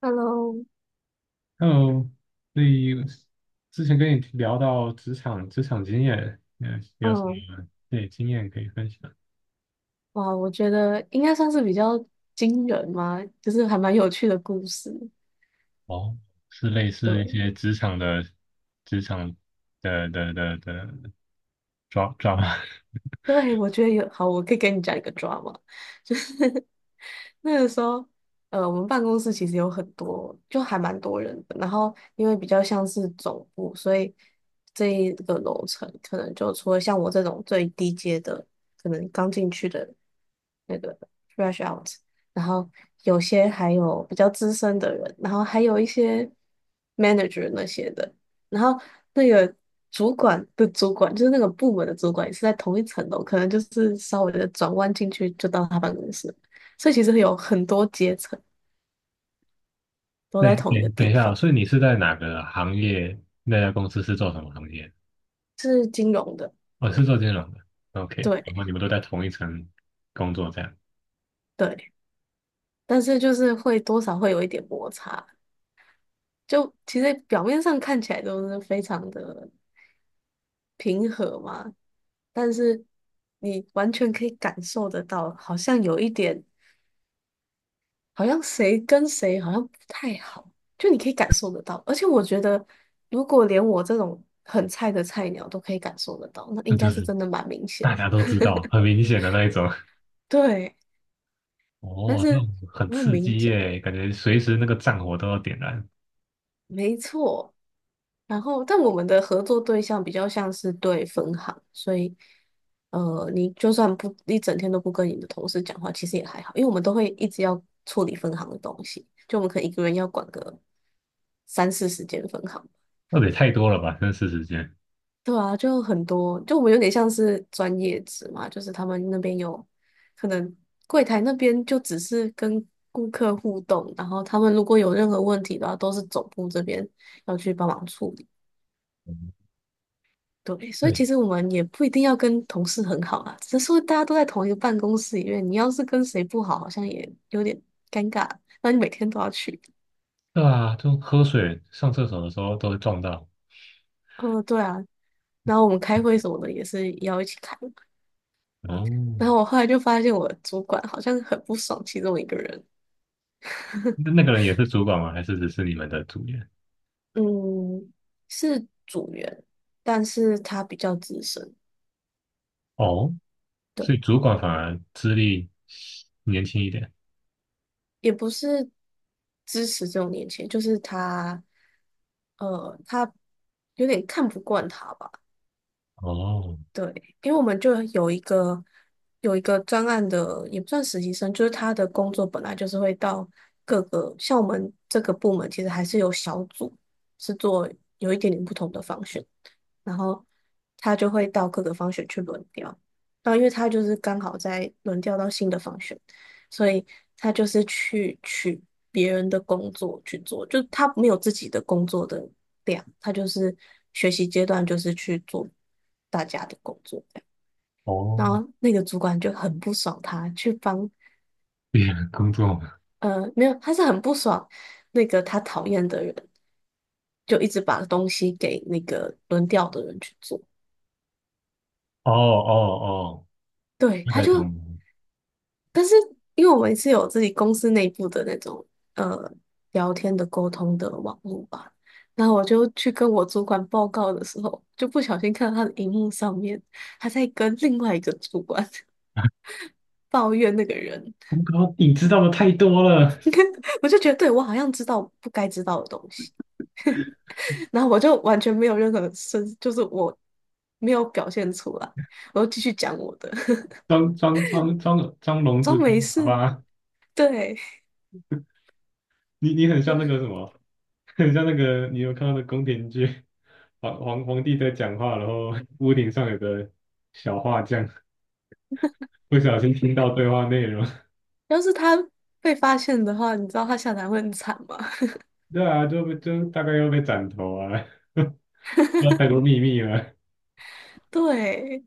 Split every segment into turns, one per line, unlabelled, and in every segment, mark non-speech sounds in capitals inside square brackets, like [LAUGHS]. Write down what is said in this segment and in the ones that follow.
Hello，
Hello，所以之前跟你聊到职场经验，你有什
嗯，
么对经验可以分享？
哇，我觉得应该算是比较惊人嘛，就是还蛮有趣的故事。
哦，是类似一
对，
些职场的抓抓吗？
对，我觉得有，好，我可以跟你讲一个 drama，就是 [LAUGHS] 那个时候，我们办公室其实有很多，就还蛮多人的。然后因为比较像是总部，所以这一个楼层可能就除了像我这种最低阶的，可能刚进去的那个 fresh out，然后有些还有比较资深的人，然后还有一些 manager 那些的。然后那个主管的主管，就是那个部门的主管，也是在同一层楼，可能就是稍微的转弯进去就到他办公室，所以其实有很多阶层
[LAUGHS]
都在
对，
同一
对，
个
等一
地
下哦，
方。
所以你是在哪个行业？那家公司是做什么行业？我是做金融的。OK，
对
然后你们都在同一层工作，这样，
对，但是就是会多少会有一点摩擦，就其实表面上看起来都是非常的平和嘛，但是你完全可以感受得到，好像有一点。好像谁跟谁好像不太好，就你可以感受得到。而且我觉得，如果连我这种很菜的菜鸟都可以感受得到，那
那
应
就
该是
是
真的蛮明显
大
的。
家都知道，很明显的那一种。[LAUGHS]
对，但
哦，这种
是
很
我很
刺
明
激
显，
耶，感觉随时那个战火都要点燃。
没错。然后，但我们的合作对象比较像是对分行，所以，你就算不一整天都不跟你的同事讲话，其实也还好，因为我们都会一直要处理分行的东西，就我们可能一个人要管个三四十间分行。
那也太多了吧？真是时间。
对啊，就很多，就我们有点像是专业职嘛，就是他们那边有可能柜台那边就只是跟顾客互动，然后他们如果有任何问题的话，都是总部这边要去帮忙处理。对，所以
对
其实我们也不一定要跟同事很好啊，只是说大家都在同一个办公室里面，你要是跟谁不好，好像也有点尴尬。那你每天都要去，
对啊，就喝水、上厕所的时候都会撞到。
嗯、对啊。然后我们开会什么的也是要一起开。
哦，
然后我后来就发现我主管好像很不爽其中一个人，
那个人也是主管吗？还是只是你们的组员？
嗯，是组员，但是他比较资深，
哦，所以
对，
主管反而资历年轻一点。
也不是支持这种年轻人，就是他，他有点看不惯他吧，
哦
对，因为我们就有一个专案的，也不算实习生，就是他的工作本来就是会到各个，像我们这个部门其实还是有小组，是做有一点点不同的方式。然后他就会到各个方选去轮调。然后因为他就是刚好在轮调到新的方选，所以他就是去取别人的工作去做，就他没有自己的工作的量，他就是学习阶段就是去做大家的工作这样然
哦，
后那个主管就很不爽他，去帮
别人工作。
没有，他是很不爽那个他讨厌的人，就一直把东西给那个轮调的人去做。
哦哦哦，
对，
大
他
概懂
就
了。
但是因为我们是有自己公司内部的那种呃聊天的沟通的网络吧，然后我就去跟我主管报告的时候，就不小心看到他的荧幕上面，他在跟另外一个主管 [LAUGHS] 抱怨那个人，
我靠，你知道的太多了。
[LAUGHS] 我就觉得对我好像知道不该知道的东西，然后我就完全没有任何声，就是我没有表现出来，我就继续讲我的，
装
[LAUGHS]
聋子
装
装
没
哑
事。
巴，
对，
你很像那个什么，很像那个，你有看到的宫廷剧？皇 [LAUGHS] 皇帝在讲话，然后 [LAUGHS] 屋顶上有个小画匠 [LAUGHS] 不小心听到对话内容，
要是他被发现的话，你知道他下台会很惨吗？
[LAUGHS] 对啊，就大概又被斩头啊，[LAUGHS] 那太多秘密了。
[LAUGHS] 对，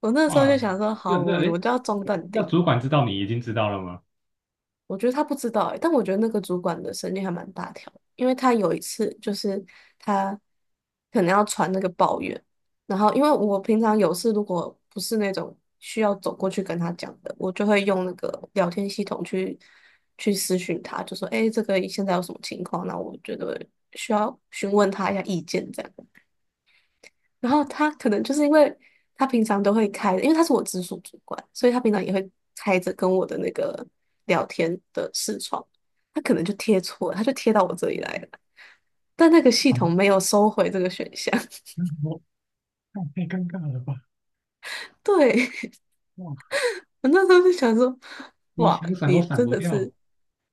我那时候就
哇，
想说，
那
好，我
那哎
我
诶，
就要中淡
那
定。
主管知道你已经知道了吗？
我觉得他不知道欸，但我觉得那个主管的神经还蛮大条的因为他有一次就是他可能要传那个抱怨，然后因为我平常有事如果不是那种需要走过去跟他讲的，我就会用那个聊天系统去私讯他，就说，诶，这个现在有什么情况？那我觉得需要询问他一下意见这样。然后他可能就是因为他平常都会开，因为他是我直属主管，所以他平常也会开着跟我的那个聊天的视窗，他可能就贴错了他就贴到我这里来了，但那个系
啊，
统没有收回这个选项。
那我太太尴尬了吧？
[LAUGHS] 对，[LAUGHS]
哇，
我那时候就想说，
你
哇，
想闪都
你
闪
真
不
的
掉，
是，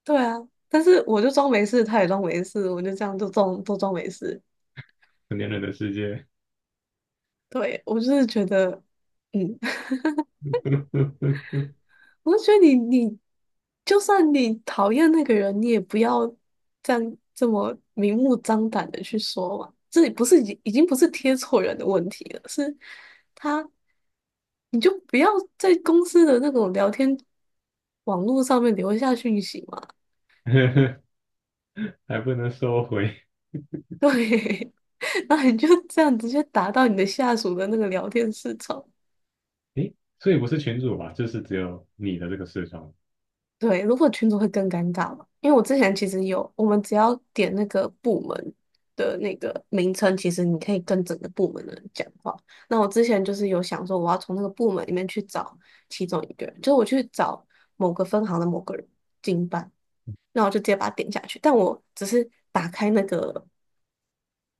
对啊，但是我就装没事，他也装没事，我就这样就装都装没事。
成年人的世界，
对，我就是觉得，嗯，
[LAUGHS]
我觉得你就算你讨厌那个人，你也不要这样这么明目张胆的去说嘛。这也不是已经不是贴错人的问题了，是他，你就不要在公司的那种聊天网络上面留下讯息嘛。
还不能收回。
对，[LAUGHS] 然后你就这样直接打到你的下属的那个聊天市场，
诶，所以不是群主吧？就是只有你的这个视窗。
对，如果群组会更尴尬嘛，因为我之前其实有，我们只要点那个部门的那个名称，其实你可以跟整个部门的人讲话。那我之前就是有想说，我要从那个部门里面去找其中一个人，就是我去找某个分行的某个人经办，那我就直接把它点下去。但我只是打开那个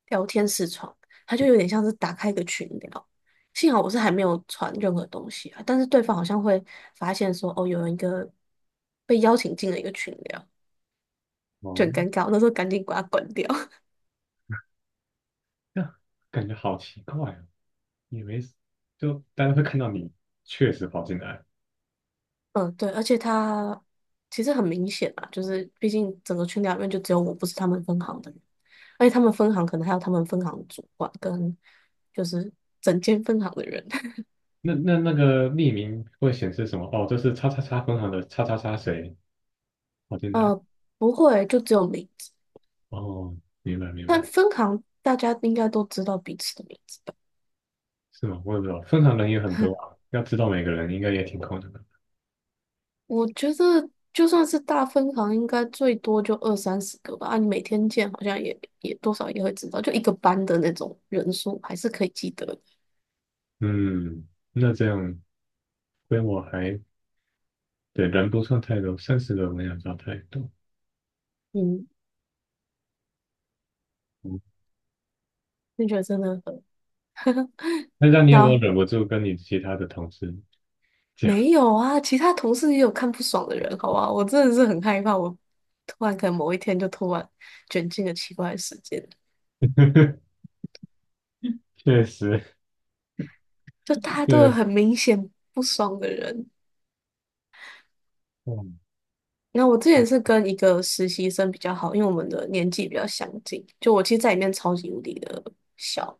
聊天视窗，它就有点像是打开一个群聊。幸好我是还没有传任何东西啊，但是对方好像会发现说，哦，有人一个被邀请进了一个群聊，就
哦，
很尴尬。我那时候赶紧把它关掉。[LAUGHS]
那感觉好奇怪哦。也没事，就大家会看到你确实跑进来。
嗯，对，而且他其实很明显啊，就是毕竟整个群聊里面就只有我不是他们分行的人，而且他们分行可能还有他们分行的主管跟就是整间分行的人。
那个匿名会显示什么？哦，这是叉叉叉分行的叉叉叉谁跑
[LAUGHS]
进来？
呃，不会，就只有名字，
哦，明白明
但
白，
分行大家应该都知道彼此的名字吧。
是吗？我也不知道，分行人也很多啊，要知道每个人应该也挺困难的。
我觉得就算是大分行，应该最多就二三十个吧。啊，你每天见，好像也多少也会知道，就一个班的那种人数，还是可以记得的。
嗯，那这样规模还对，人不算太多，30个人也不算太多。
嗯，
嗯，
那觉得真的很 [LAUGHS]
那这样你有没有
那
忍不住跟你其他的同事讲？
没有啊，其他同事也有看不爽的人，好吧？我真的是很害怕，我突然可能某一天就突然卷进了奇怪的事件，
[LAUGHS] 确实，
就大家都有
对，
很明显不爽的人。
嗯，
那我之前是跟一个实习生比较好，因为我们的年纪比较相近。就我其实在里面超级无敌的小，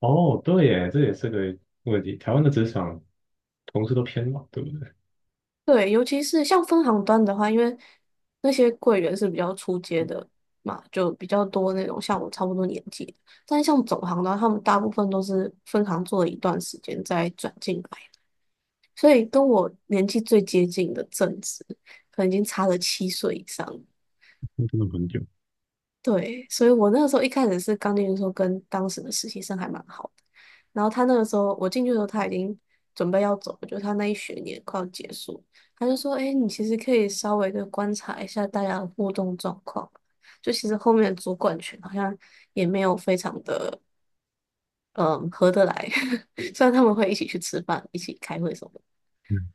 哦，对耶，这也是个问题。台湾的职场。同事都偏老，对不对？
对，尤其是像分行端的话，因为那些柜员是比较出街的嘛，就比较多那种像我差不多年纪的。但是像总行的话，他们大部分都是分行做了一段时间再转进来，所以跟我年纪最接近的正职，可能已经差了7岁以上。
那真的很久。
对，所以我那个时候一开始是刚进去的时候，跟当时的实习生还蛮好的。然后他那个时候我进去的时候，他已经准备要走了，就是他那一学年快要结束，他就说：“哎，你其实可以稍微的观察一下大家的互动状况。就其实后面的主管群好像也没有非常的嗯合得来，[LAUGHS] 虽然他们会一起去吃饭、一起开会什么的。
嗯，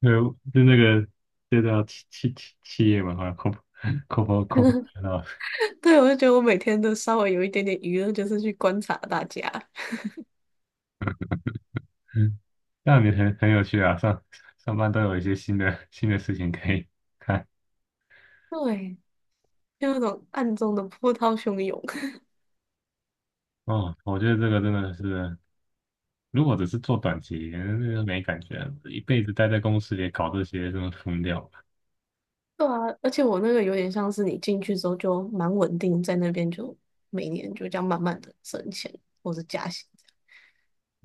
呃，就那个，这叫企业文化 corp [LAUGHS] corp，
对，我就觉得我每天都稍微有一点点娱乐，就是去观察大家，
嗯，那你很有趣啊，上班都有一些新的事情可以看。
对，就那种暗中的波涛汹涌。”
哦，我觉得这个真的是，如果只是做短期，那个没感觉，一辈子待在公司里搞这些，真的疯掉了。
对啊，而且我那个有点像是你进去之后就蛮稳定，在那边就每年就这样慢慢的升钱或者加薪这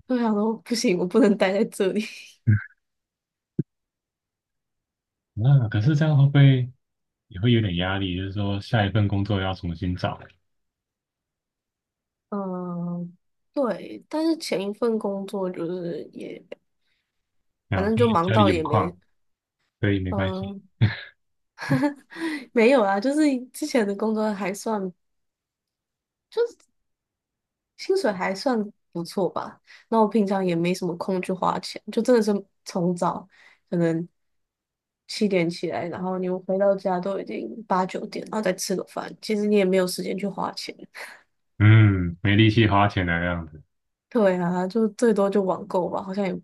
样。就想说不行，我不能待在这里。[LAUGHS]
那可是这样会不会也会有点压力？就是说下一份工作要重新找，
嗯，对，但是前一份工作就是也反
啊，
正
因
就
为
忙
家里
到
有
也没
矿，所以没关系。
嗯 [LAUGHS] [SIGHS] 没有啊，就是之前的工作还算薪水还算不错吧。那我平常也没什么空去花钱，就真的是从早可能7点起来，然后你回到家都已经8、9点，然后再吃个饭，其实你也没有时间去花钱。
嗯，没力气花钱的样子，
对啊，就最多就网购吧，好像也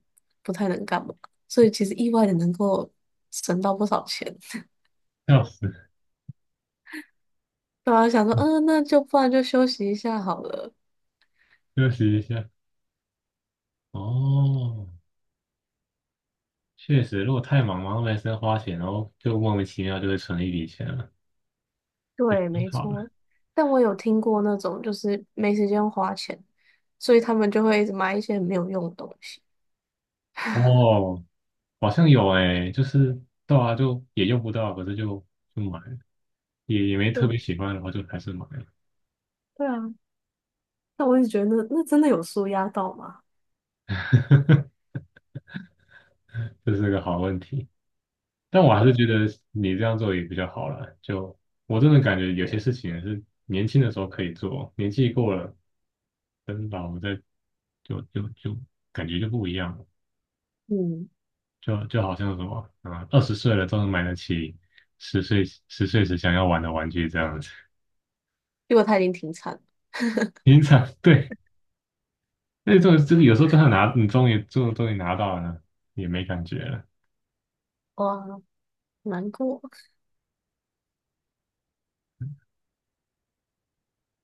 不太能干嘛。所以其实意外的能够省到不少钱。[LAUGHS]
笑死，
对啊，想说，
[LAUGHS]
嗯、那就不然就休息一下好了。
休息一下。哦，确实，如果太忙，忙到没时间花钱，然后就莫名其妙就会存一笔钱了，
对，
挺
没
好
错。
的。
但我有听过那种就是没时间花钱，所以他们就会一直买一些没有用的东西。
哦，好像有诶，就是对啊，就也用不到，可是就买了，也没特
对
别喜欢，然后就还是买了。
对啊，但我一直觉得那真的有舒压到吗？
[LAUGHS] 这是个好问题，但我还是
对，
觉得你这样做也比较好了。就我真的感觉有些事情是年轻的时候可以做，年纪过了跟老的就感觉就不一样了，
嗯，
就好像什么啊，20岁了都能买得起十岁时想要玩的玩具这样子。
因为他已经停产了，
平常对，那种就是有时候就算拿，你终于拿到了，也没感觉了。
哇，难过。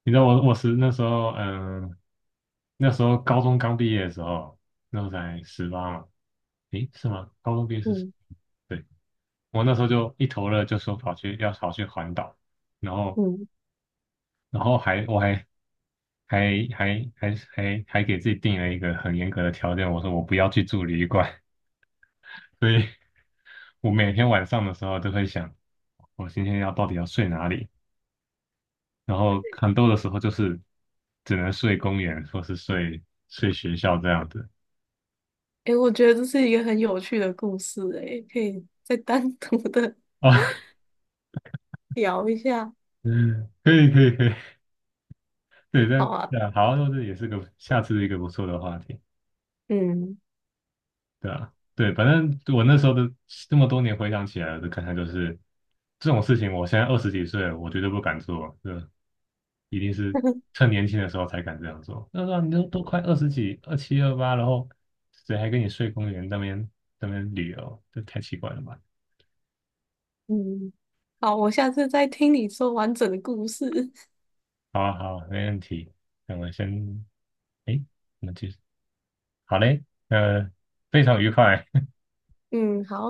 你知道我是那时候，那时候高中刚毕业的时候，那时候才十八嘛，诶，是吗？高中毕业是十，
嗯
对，我那时候就一头热，就说跑去环岛，然后
嗯，
还我还还还还还还给自己定了一个很严格的条件，我说我不要去住旅馆，[LAUGHS] 所以我每天晚上的时候都会想，我今天到底要睡哪里？然后很多的时候就是只能睡公园或是睡学校这样子
诶，我觉得这是一个很有趣的故事，诶，可以再单独的
啊，
[LAUGHS] 聊一下。
[LAUGHS] 嗯，可以可以可以，对，
好
但
啊，
对啊，好，那这也是个下次一个不错的话题。
嗯
对啊，对，反正我那时候的这么多年回想起来的感想就是，这种事情我现在20几岁了，我绝对不敢做，对，一定是
[LAUGHS]
趁年轻的时候才敢这样做。那时候你都快二十几，27、28，28然后谁还跟你睡公园那边旅游？这太奇怪了吧？
嗯，好，我下次再听你说完整的故事。
好啊，好啊没问题。那我先，哎，我们继续，好嘞，呃，非常愉快。
[LAUGHS] 嗯，好。